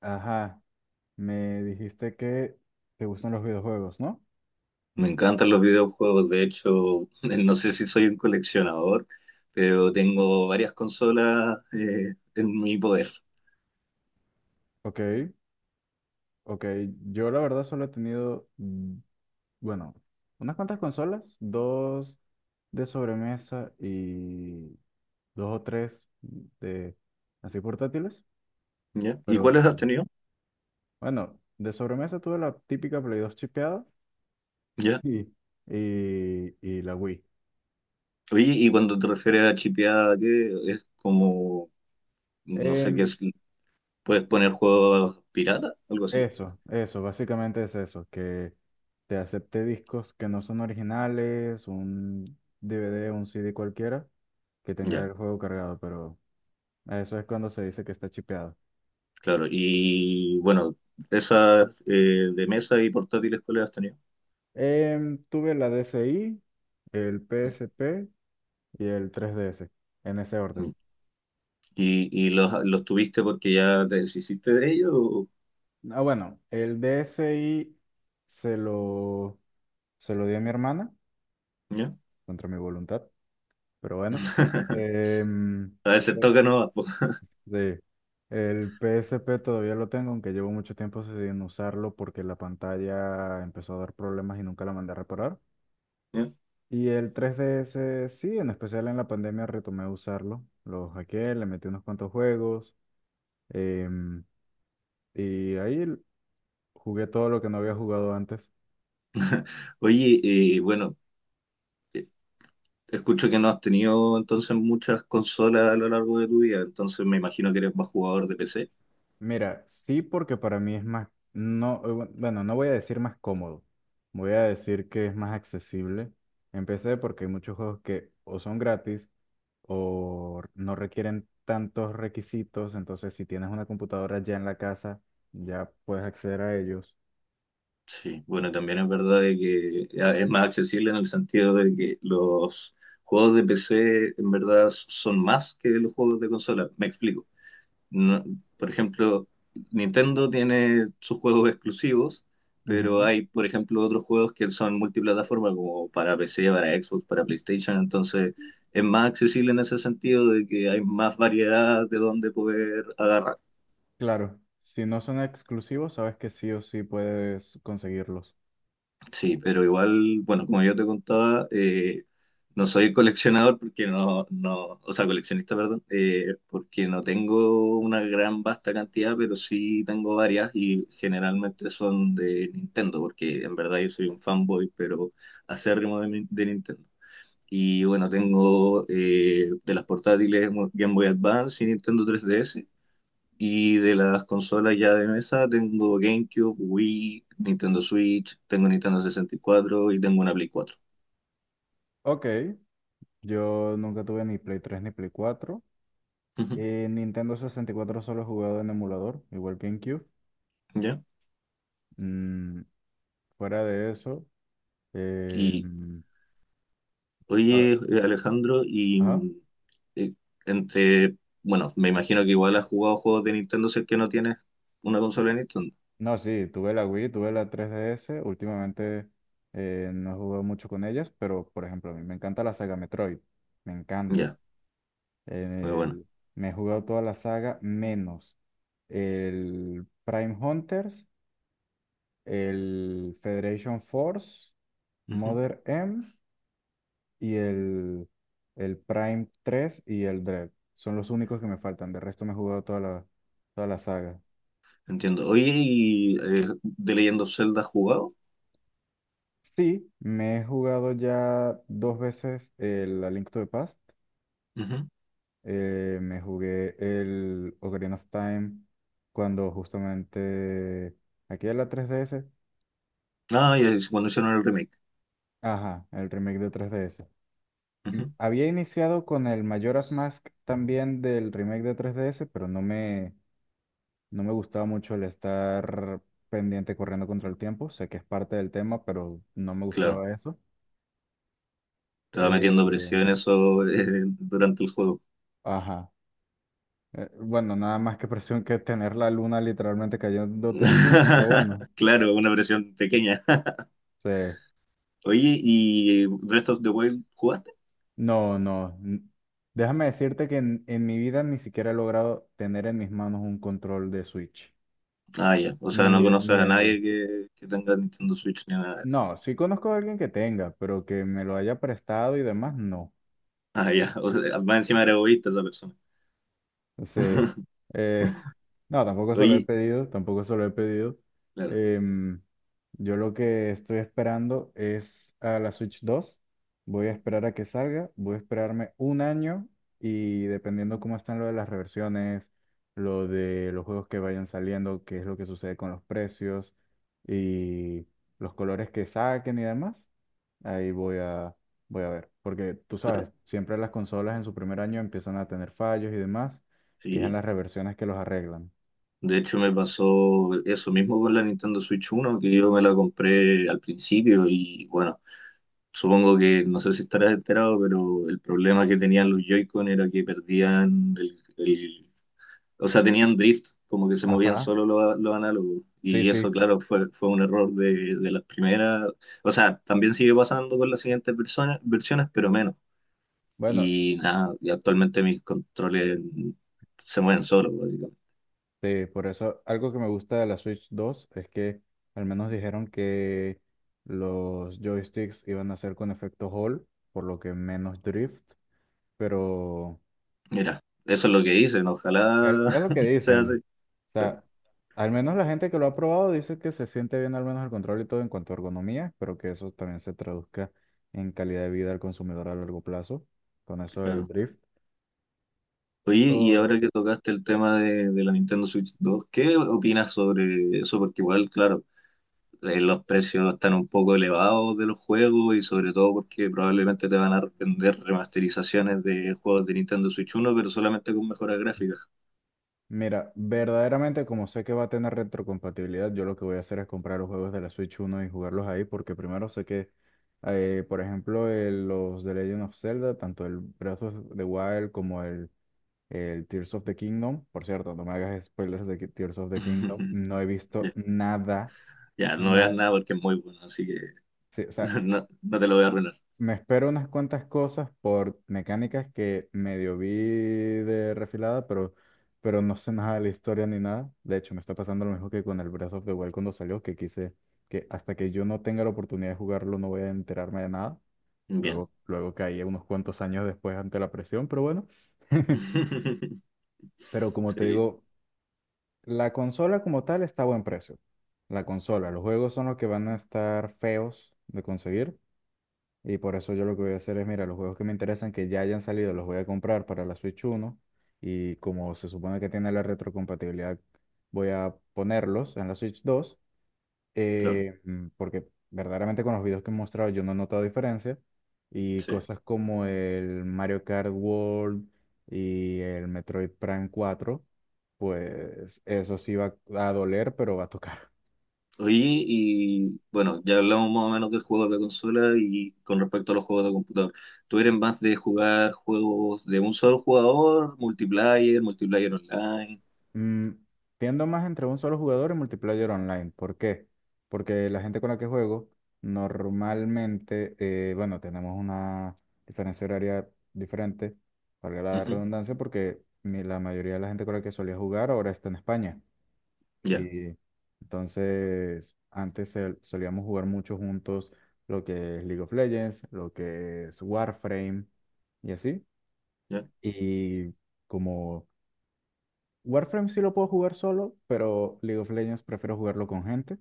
Ajá, me dijiste que te gustan los videojuegos, ¿no? Me encantan los videojuegos, de hecho, no sé si soy un coleccionador, pero tengo varias consolas en mi poder. Ok, ok. Yo la verdad solo he tenido, bueno, unas cuantas consolas, dos de sobremesa y dos o tres de así portátiles, ¿Ya? ¿Y pero cuáles has tenido? bueno, de sobremesa tuve la típica Play 2 chipeada ¿Ya? y, y la Wii. Oye, y cuando te refieres a chipeada, ¿qué es como, no sé qué Em, es, puedes poner juegos pirata, algo así? Eso, eso, básicamente es eso, que te acepte discos que no son originales, un DVD, un CD cualquiera, que tenga Ya, el juego cargado, pero eso es cuando se dice que está chipeado. claro. Y bueno, esas de mesa y portátiles, ¿cuáles has tenido? Tuve la DSi, el PSP y el 3DS, en ese orden. Mm. ¿Y, y los tuviste porque ya te deshiciste de ellos? O- Ah, bueno, el DSi se lo, se lo di a mi hermana, ¿Ya? contra mi voluntad, pero bueno. Em, A veces toca no. Sí, el PSP todavía lo tengo, aunque llevo mucho tiempo sin usarlo porque la pantalla empezó a dar problemas y nunca la mandé a reparar. Y el 3DS, sí, en especial en la pandemia retomé a usarlo. Lo hackeé, le metí unos cuantos juegos em, y ahí l- jugué todo lo que no había jugado antes. Oye, bueno, eh, escucho que no has tenido entonces muchas consolas a lo largo de tu vida, entonces me imagino que eres más jugador de PC. Mira, sí, porque para mí es más, no, bueno, no voy a decir más cómodo, voy a decir que es más accesible. Empecé porque hay muchos juegos que o son gratis o no requieren tantos requisitos, entonces si tienes una computadora ya en la casa, ya puedes acceder a ellos. Sí, bueno, también es verdad de que ya es más accesible en el sentido de que los juegos de PC en verdad son más que los juegos de consola. Me explico. No- por ejemplo, Nintendo tiene sus juegos exclusivos, pero Ujú. hay, por ejemplo, otros juegos que son multiplataforma, como para PC, para Xbox, para PlayStation, entonces es más accesible en ese sentido de que hay más variedad de dónde poder agarrar. Claro, si no son exclusivos, sabes que sí o sí puedes conseguirlos. Sí, pero igual, bueno, como yo te contaba, no soy coleccionador porque no, no, o sea, coleccionista, perdón, porque no tengo una gran vasta cantidad, pero sí tengo varias y generalmente son de Nintendo, porque en verdad yo soy un fanboy, pero acérrimo de, Nin- de Nintendo. Y bueno, tengo de las portátiles Game Boy Advance y Nintendo 3DS. Y de las consolas ya de mesa tengo GameCube, Wii, Nintendo Switch, tengo Nintendo sesenta y cuatro y tengo una Play cuatro. Ok, yo nunca tuve ni Play 3 ni Play 4. Ujú. Nintendo 64 solo he jugado en emulador, igual que en Cube. ¿Ya? Mm, fuera de eso, eh, Y mm, a- oye, Alejandro, y ajá. Eh, entre, bueno, me imagino que igual has jugado juegos de Nintendo si es que no tienes una consola de Nintendo. No, sí, tuve la Wii, tuve la 3DS. Últimamente no he jugado mucho con ellas, pero por ejemplo, a mí me encanta la saga Metroid. Me encanta. Ya, muy bueno. El- Me he jugado toda la saga menos el Prime Hunters, el Federation Force, Ujú. Mother M. y el Prime 3 y el Dread. Son los únicos que me faltan. De resto me he jugado toda la saga. Entiendo. Oye, ¿y The Legend of Zelda has jugado? Sí, me he jugado ya dos veces el A Link to the Past. Ujú. Me jugué el Ocarina of Time cuando justamente... Aquí en la 3DS. Ah, ya, es cuando hicieron el remake. Ajá, el remake de 3DS. Y Ujú. Había iniciado con el Majora's Mask también del remake de 3DS, no me gustaba mucho el estar pendiente corriendo contra el tiempo. Sé que es parte del tema, pero no me Claro, gustaba eso. te va metiendo Eh, presión eso. Eh, durante el juego. ajá. Bueno, nada más que presión que tener la luna literalmente cayéndote encima, pero bueno. Claro, una versión pequeña. Sí. Oye, ¿y Breath of the Wild jugaste? No, no. Déjame decirte que en mi vida ni siquiera he logrado tener en mis manos un control de Switch. Ah, ya. O sea, Ni no de, conoces ni a de... nadie que tenga Nintendo Switch ni nada de eso. No, sí conozco a alguien que tenga, pero que me lo haya prestado y demás, no. Ah, ya. O sea, más encima era egoísta esa persona. Sí. Eh, no, tampoco se lo he Oye, pedido, tampoco se lo he pedido. claro, Em, yo lo que estoy esperando es a la Switch dos. Voy a esperar a que salga, voy a esperarme un año y dependiendo cómo están lo de las reversiones, lo de los juegos que vayan saliendo, qué es lo que sucede con los precios y los colores que saquen y demás. Ahí voy a, voy a ver, porque tú claro. sabes, siempre las consolas en su primer año empiezan a tener fallos y demás, y es en Sí. las reversiones que los arreglan. De hecho, me pasó eso mismo con la Nintendo Switch uno que yo me la compré al principio y bueno, supongo que, no sé si estarás enterado, pero el problema que tenían los Joy-Con era que perdían el o sea, tenían drift, como que se movían Ajá. solo los análogos. Sí, Y sí. eso, claro, fue un error de las primeras. O sea, también sigue pasando con las siguientes versiones pero menos. Bueno, Y nada, y actualmente mis controles se mueven solos, básicamente. sí, por eso algo que me gusta de la Switch 2 es que al menos dijeron que los joysticks iban a ser con efecto Hall, por lo que menos drift, pero Mira, eso es lo que dicen, Es ojalá es lo que sea así. dicen. O Claro, sea, al menos la gente que lo ha probado dice que se siente bien al menos el control y todo en cuanto a ergonomía, pero que eso también se traduzca en calidad de vida al consumidor a largo plazo, con eso del claro. drift. Oye, y Oh, ahora que tocaste el tema de la Nintendo Switch dos, ¿qué opinas sobre eso? Porque igual, claro, los precios no están un poco elevados de los juegos y sobre todo porque probablemente te van a vender remasterizaciones de juegos de Nintendo Switch uno pero solamente con mejoras gráficas. mira, verdaderamente como sé que va a tener retrocompatibilidad, yo lo que voy a hacer es comprar los juegos de la Switch uno y jugarlos ahí, porque primero sé que, por ejemplo, los de Legend of Zelda, tanto el Breath of the Wild como el Tears of the Kingdom. Por cierto, no me hagas spoilers de que Tears of the Kingdom. No he visto nada, Ya, no veas nada. nada porque es muy bueno, así que Sí, o sea, no, no te lo voy a arruinar. me espero unas cuantas cosas por mecánicas que medio vi de refilada, pero no sé nada de la historia ni nada. De hecho, me está pasando lo mismo que con el Breath of the Wild cuando salió, que quise que hasta que yo no tenga la oportunidad de jugarlo no voy a enterarme de nada. Bien. Luego, luego caí unos cuantos años después ante la presión, pero bueno. Pero como te Sí, digo, la consola como tal está a buen precio. La consola, los juegos son los que van a estar feos de conseguir. Y por eso yo lo que voy a hacer es, mira, los juegos que me interesan, que ya hayan salido, los voy a comprar para la Switch uno. Y como se supone que tiene la retrocompatibilidad, voy a ponerlos en la Switch dos, claro, porque verdaderamente con los videos que he mostrado yo no he notado diferencia. Y sí. cosas como el Mario Kart World y el Metroid Prime cuatro pues eso sí va a doler, pero va a tocar. Oye, y bueno, ya hablamos más o menos de juegos de consola y con respecto a los juegos de computador. ¿Tú eres más de jugar juegos de un solo jugador, multiplayer, multiplayer online? Mm, tiendo más entre un solo jugador y multiplayer online. ¿Por qué? Porque la gente con la que juego, normalmente, bueno, tenemos una diferencia horaria diferente, valga la Ujú. redundancia, porque la mayoría de la gente con la que solía jugar ahora está en España. Ya. Y entonces, antes solíamos jugar mucho juntos lo que es League of Legends, lo que es Warframe y así. Ya. Y como Warframe sí lo puedo jugar solo, pero League of Legends prefiero jugarlo con gente.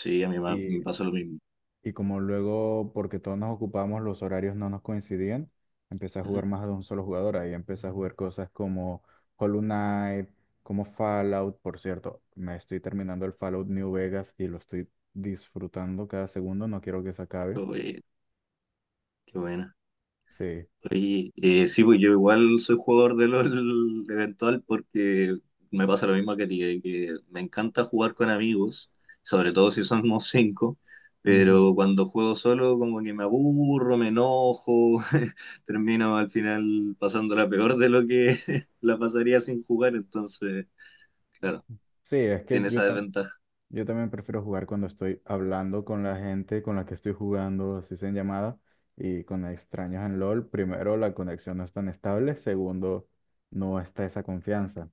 Sí, a mí me Y, pasó lo mismo. y como luego, porque todos nos ocupamos, los horarios no nos coincidían, empecé a jugar más de un solo jugador. Ahí empecé a jugar cosas como Hollow Knight, como Fallout. Por cierto, me estoy terminando el Fallout New Vegas y lo estoy disfrutando cada segundo. No quiero que se Qué acabe. bueno, qué buena. Sí. Oye, sí, pues yo igual soy jugador de LOL eventual porque me pasa lo mismo que a ti, que me encanta jugar con amigos, sobre todo si somos cinco, pero Ujú. cuando juego solo como que me aburro, me enojo, termino al final pasándola peor de lo que la pasaría sin jugar, entonces, claro, Sí, es que tiene esa desventaja. yo también prefiero jugar cuando estoy hablando con la gente con la que estoy jugando, así sea en llamada, y con extraños en LOL. Primero, la conexión no es tan estable. Segundo, no está esa confianza.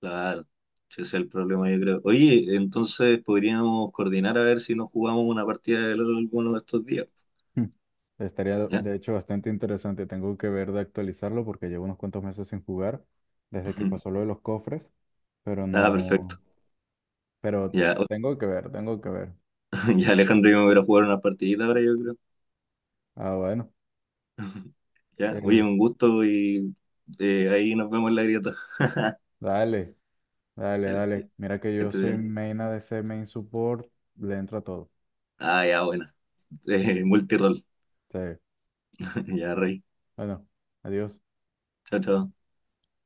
Claro, ese es el problema, yo creo. Oye, entonces podríamos coordinar a ver si nos jugamos una partida de LOL alguno de estos días. Hmm. Estaría, ¿Ya? de hecho, bastante interesante. Tengo que ver de actualizarlo porque llevo unos cuantos meses sin jugar, desde que pasó lo de los cofres, pero Ah, perfecto. no, pero Ya, tengo que ver, tengo que ver. ya Alejandro y yo me voy a ir a jugar una partidita ahora, yo creo. Ah, bueno. Ya, oye, Eh, un gusto y ahí nos vemos en la grieta. dale, dale, Dale, que dale. Mira que yo estés soy bien. main ADC, main support, le entro a todo. Ah, ya, bueno. Multirol. Sí. Ya, rey. Bueno, adiós. Chao, chao.